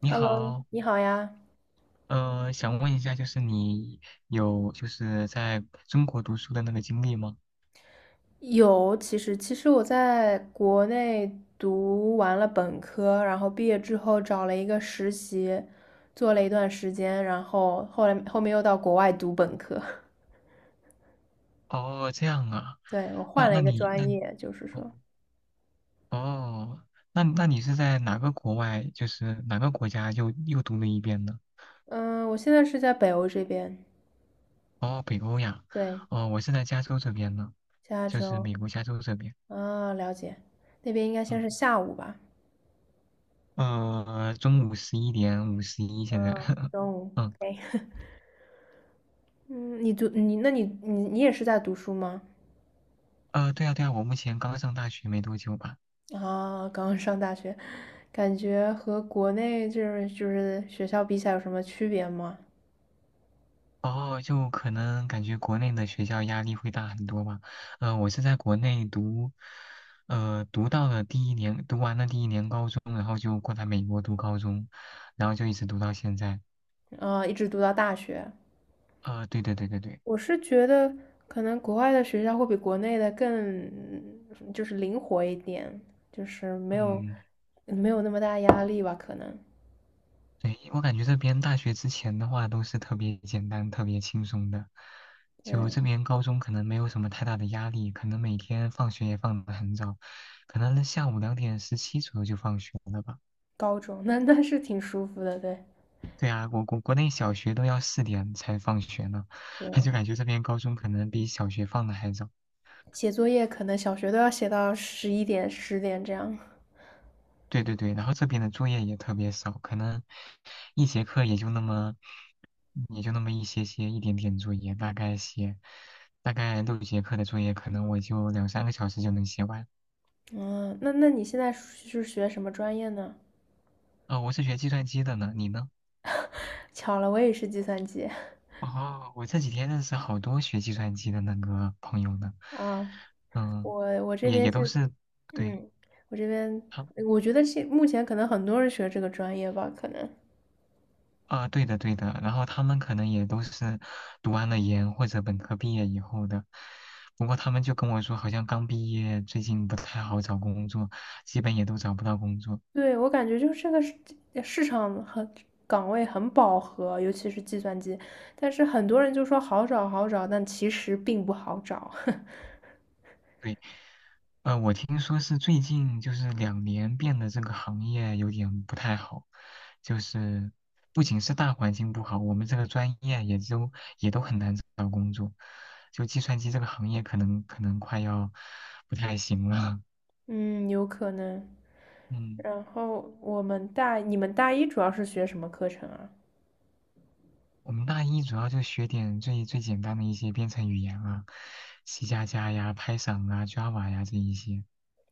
你 Hello，好，你好呀。想问一下，就是你有就是在中国读书的那个经历吗？有，其实我在国内读完了本科，然后毕业之后找了一个实习，做了一段时间，然后后来又到国外读本科。哦，这样啊，对，我那换了那一个你那专业，就是哦说，哦，那你是在哪个国外，就是哪个国家又读了一遍呢？嗯，我现在是在北欧这边，哦，北欧呀，对，哦，我是在加州这边呢，加就是州美国加州这边，啊，了解，那边应该先嗯，是下午吧，中午11:51现在，嗯，中午 嗯，o 嗯，你读你那你你你也是在读书吗？对啊对啊，我目前刚上大学没多久吧。啊，刚刚上大学，感觉和国内就是学校比起来有什么区别吗？哦，就可能感觉国内的学校压力会大很多吧。我是在国内读，读到了第一年，读完了第一年高中，然后就过来美国读高中，然后就一直读到现在。啊，一直读到大学，对对对对对，我是觉得可能国外的学校会比国内的更就是灵活一点，就是没有嗯，没有那么大压力吧，可能。对，我感觉这边大学之前的话都是特别简单、特别轻松的，就对，这边高中可能没有什么太大的压力，可能每天放学也放得很早，可能下午2:17左右就放学了吧。高中 那是挺舒服的，对对啊，我国内小学都要4点才放学呢，对，就感觉这边高中可能比小学放的还早。写作业可能小学都要写到十一点十点这样。对对对，然后这边的作业也特别少，可能一节课也就那么一些些一点点作业，大概6节课的作业，可能我就两三个小时就能写完。嗯，那你现在是学什么专业呢？我是学计算机的呢，你呢？巧了，我也是计算机。哦，我这几天认识好多学计算机的那个朋友呢，啊，嗯，我这也边也都是，是，对。嗯，我这边他我觉得现目前可能很多人学这个专业吧，可能。啊，对的对的，然后他们可能也都是读完了研或者本科毕业以后的，不过他们就跟我说，好像刚毕业，最近不太好找工作，基本也都找不到工作。对，我感觉就是这个市场很岗位很饱和，尤其是计算机，但是很多人就说好找好找，但其实并不好找。对，我听说是最近就是两年变得这个行业有点不太好，就是不仅是大环境不好，我们这个专业也都很难找到工作，就计算机这个行业可能快要不太行了，嗯，有可能。嗯。然后我们大，你们大一主要是学什么课程啊？我们大一主要就学点最简单的一些编程语言啊，C++呀、Python 啊、Java 呀这一些，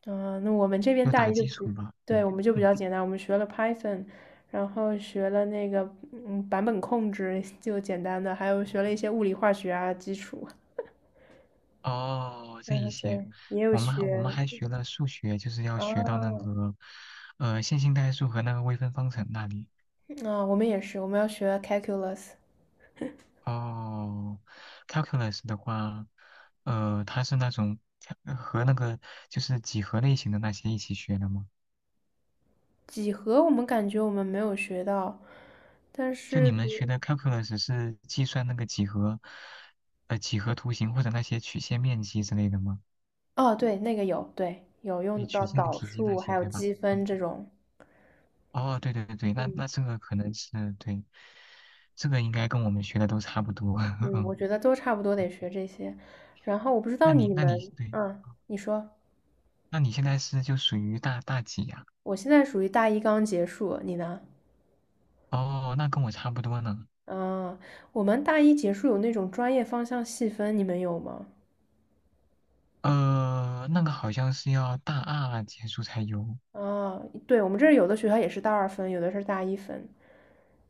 啊，那我们这边就大打一就基比，础吧。对，对，我们就比嗯，较简单，我们学了 Python，然后学了那个版本控制，就简单的，还有学了一些物理化学啊基础。哦，这一嗯，些，对，也有我们还我们学还学了数学，就是要学到那啊个线性代数和那个微分方程那里。啊，我们也是，我们要学 calculus 哦，calculus 的话，它是那种和那个就是几何类型的那些一起学的吗？几何，我们感觉我们没有学到，但就是你比们学如的 calculus 是计算那个几何，几何图形或者那些曲线面积之类的吗？哦，对，那个有，对，有对，用曲到线导体积那数些，还有对吧？积分嗯，这种。哦，对对对对，那嗯。那这个可能是对，这个应该跟我们学的都差不多。嗯，我嗯，觉得都差不多得学这些。然后我不知那道你你那你们，对，啊，你说，那你现在是就属于大几呀、我现在属于大一刚结束，你呢？哦，那跟我差不多呢。啊，我们大一结束有那种专业方向细分，你们有吗？那个好像是要大二结束才有。啊，对，我们这儿有的学校也是大二分，有的是大一分。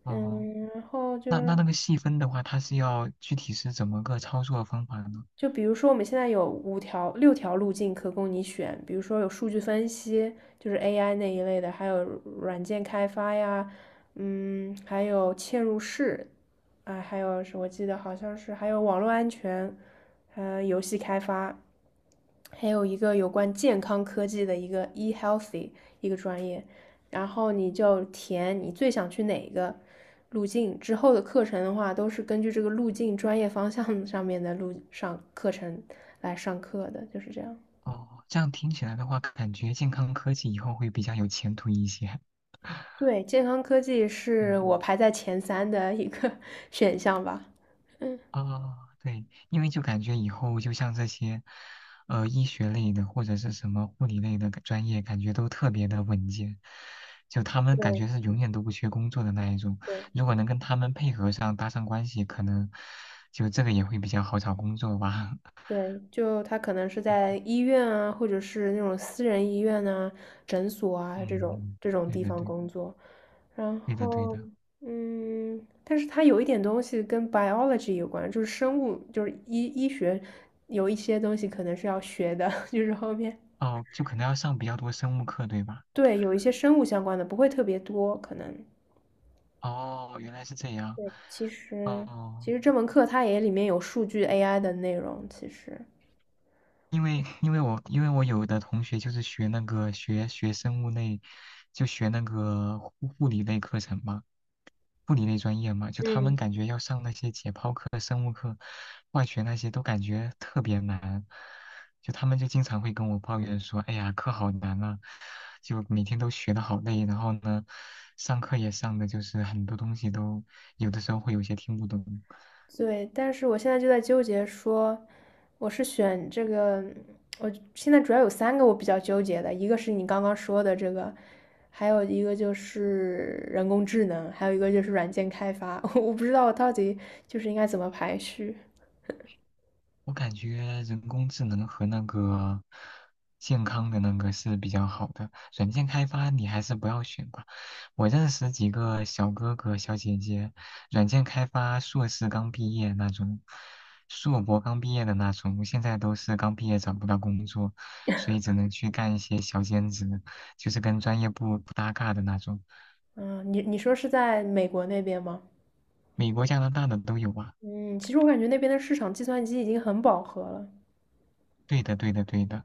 哦，嗯，然后就那是，那那个细分的话，它是要具体是怎么个操作方法呢？就比如说我们现在有五条、六条路径可供你选，比如说有数据分析，就是 AI 那一类的，还有软件开发呀，嗯，还有嵌入式，啊、还有是我记得好像是还有网络安全，呃，游戏开发，还有一个有关健康科技的一个 e healthy 一个专业，然后你就填你最想去哪个路径，之后的课程的话都是根据这个路径专业方向上面的路上课程来上课的，就是这样。哦，这样听起来的话，感觉健康科技以后会比较有前途一些。对，健康科技是嗯，我排在前三的一个 选项吧。嗯，哦，对，因为就感觉以后就像这些，医学类的或者是什么护理类的专业，感觉都特别的稳健，就他们感觉对是永远都不缺工作的那一种。对。如果能跟他们配合上，搭上关系，可能就这个也会比较好找工作吧。对，就他可能是在医院啊，或者是那种私人医院啊、诊所啊这种嗯，这种对地对方对，工作。然对的对后，的。嗯，但是他有一点东西跟 biology 有关，就是生物，就是医学有一些东西可能是要学的，就是后面哦，就可能要上比较多生物课，对吧？对有一些生物相关的，不会特别多，可能。哦，原来是这样。对，其实其哦，实这门课它也里面有数据 AI 的内容，其实。因为我有的同学就是学那个学生物类，就学那个护理类课程嘛，护理类专业嘛，就他们嗯，感觉要上那些解剖课、生物课、化学那些都感觉特别难，就他们就经常会跟我抱怨说，哎呀，课好难啊，就每天都学的好累，然后呢，上课也上的就是很多东西都有的时候会有些听不懂。对，但是我现在就在纠结说，我是选这个，我现在主要有三个我比较纠结的，一个是你刚刚说的这个，还有一个就是人工智能，还有一个就是软件开发，我不知道我到底就是应该怎么排序。我感觉人工智能和那个健康的那个是比较好的，软件开发你还是不要选吧。我认识几个小哥哥小姐姐，软件开发硕士刚毕业那种，硕博刚毕业的那种，现在都是刚毕业找不到工作，所以只能去干一些小兼职，就是跟专业不搭嘎的那种。嗯，你说是在美国那边吗？美国、加拿大的都有啊。嗯，其实我感觉那边的市场计算机已经很饱和了，对的，对的，对的。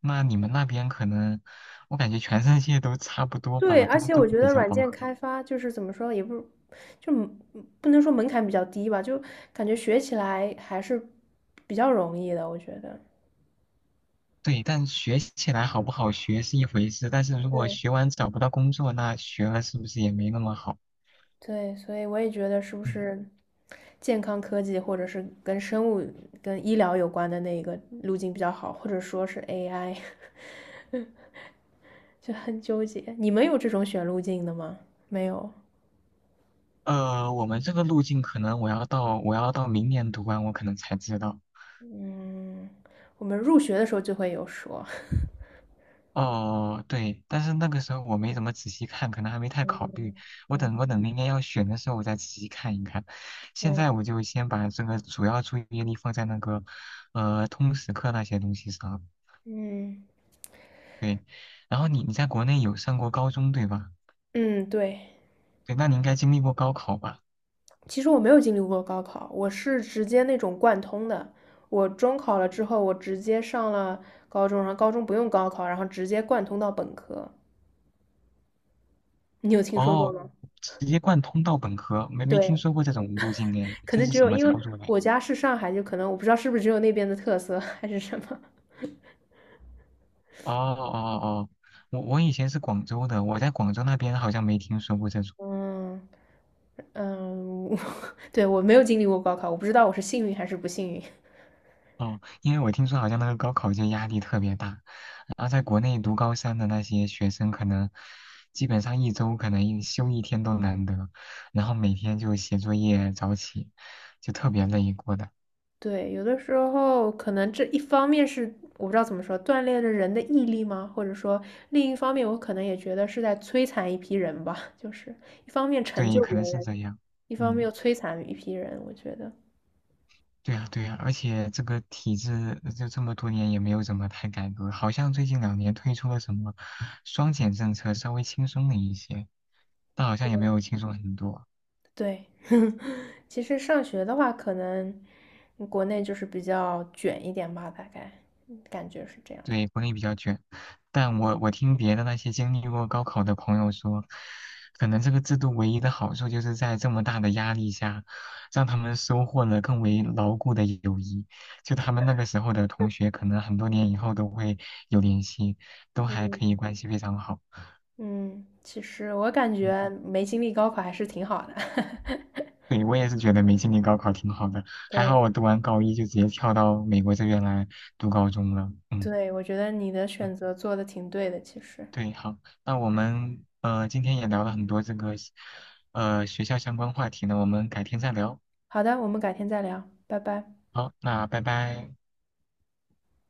那你们那边可能，我感觉全世界都差不多对，吧，而都且都我觉比得较软饱件和。开发就是怎么说，也不就不能说门槛比较低吧，就感觉学起来还是比较容易的，我觉得。对，但学起来好不好学是一回事，但是如果对学完找不到工作，那学了是不是也没那么好？对，所以我也觉得是不嗯，是健康科技或者是跟生物、跟医疗有关的那一个路径比较好，或者说是 AI，就很纠结。你们有这种选路径的吗？没有。我们这个路径可能我要到明年读完，我可能才知道。嗯，我们入学的时候就会有说。哦，对，但是那个时候我没怎么仔细看，可能还没太嗯考虑。我等我嗯，等明年要选的时候，我再仔细看一看。现对，在我就先把这个主要注意力放在那个，通识课那些东西上。嗯对，然后你在国内有上过高中对吧？嗯，对。对，那你应该经历过高考吧？其实我没有经历过高考，我是直接那种贯通的。我中考了之后，我直接上了高中，然后高中不用高考，然后直接贯通到本科。你有听说过哦，吗？直接贯通到本科，没听对，说过这种路径哎，可这能是只什有么因为操作嘞？我家是上海，就可能我不知道是不是只有那边的特色还是什么。哦哦哦，我以前是广州的，我在广州那边好像没听说过这种。嗯嗯，对，我没有经历过高考，我不知道我是幸运还是不幸运。哦，因为我听说好像那个高考就压力特别大，然后在国内读高三的那些学生，可能基本上一周可能一休一天都难得，然后每天就写作业、早起，就特别累过的。对，有的时候可能这一方面是我不知道怎么说，锻炼了人的毅力吗？或者说另一方面，我可能也觉得是在摧残一批人吧，就是一方面成对，就可别能是人，这样。一方嗯，面又摧残一批人。我觉得，对呀，对呀，而且这个体制就这么多年也没有怎么太改革，好像最近两年推出了什么双减政策，稍微轻松了一些，但好像也没有轻松很多。对，其实上学的话，可能国内就是比较卷一点吧，大概感觉是这样。对，国内比较卷，但我听别的那些经历过高考的朋友说，可能这个制度唯一的好处就是在这么大的压力下，让他们收获了更为牢固的友谊。就他们那个时候的同学，可能很多年以后都会有联系，都还嗯可以关系非常好。嗯，其实我感嗯，觉没经历高考还是挺好的。对，我也是觉得没经历高考挺好的，还对好我读完高一就直接跳到美国这边来读高中了。嗯。对，我觉得你的选择做的挺对的，其实。对，好，那我们今天也聊了很多这个学校相关话题呢，我们改天再聊。好的，我们改天再聊，拜拜。好，那拜拜。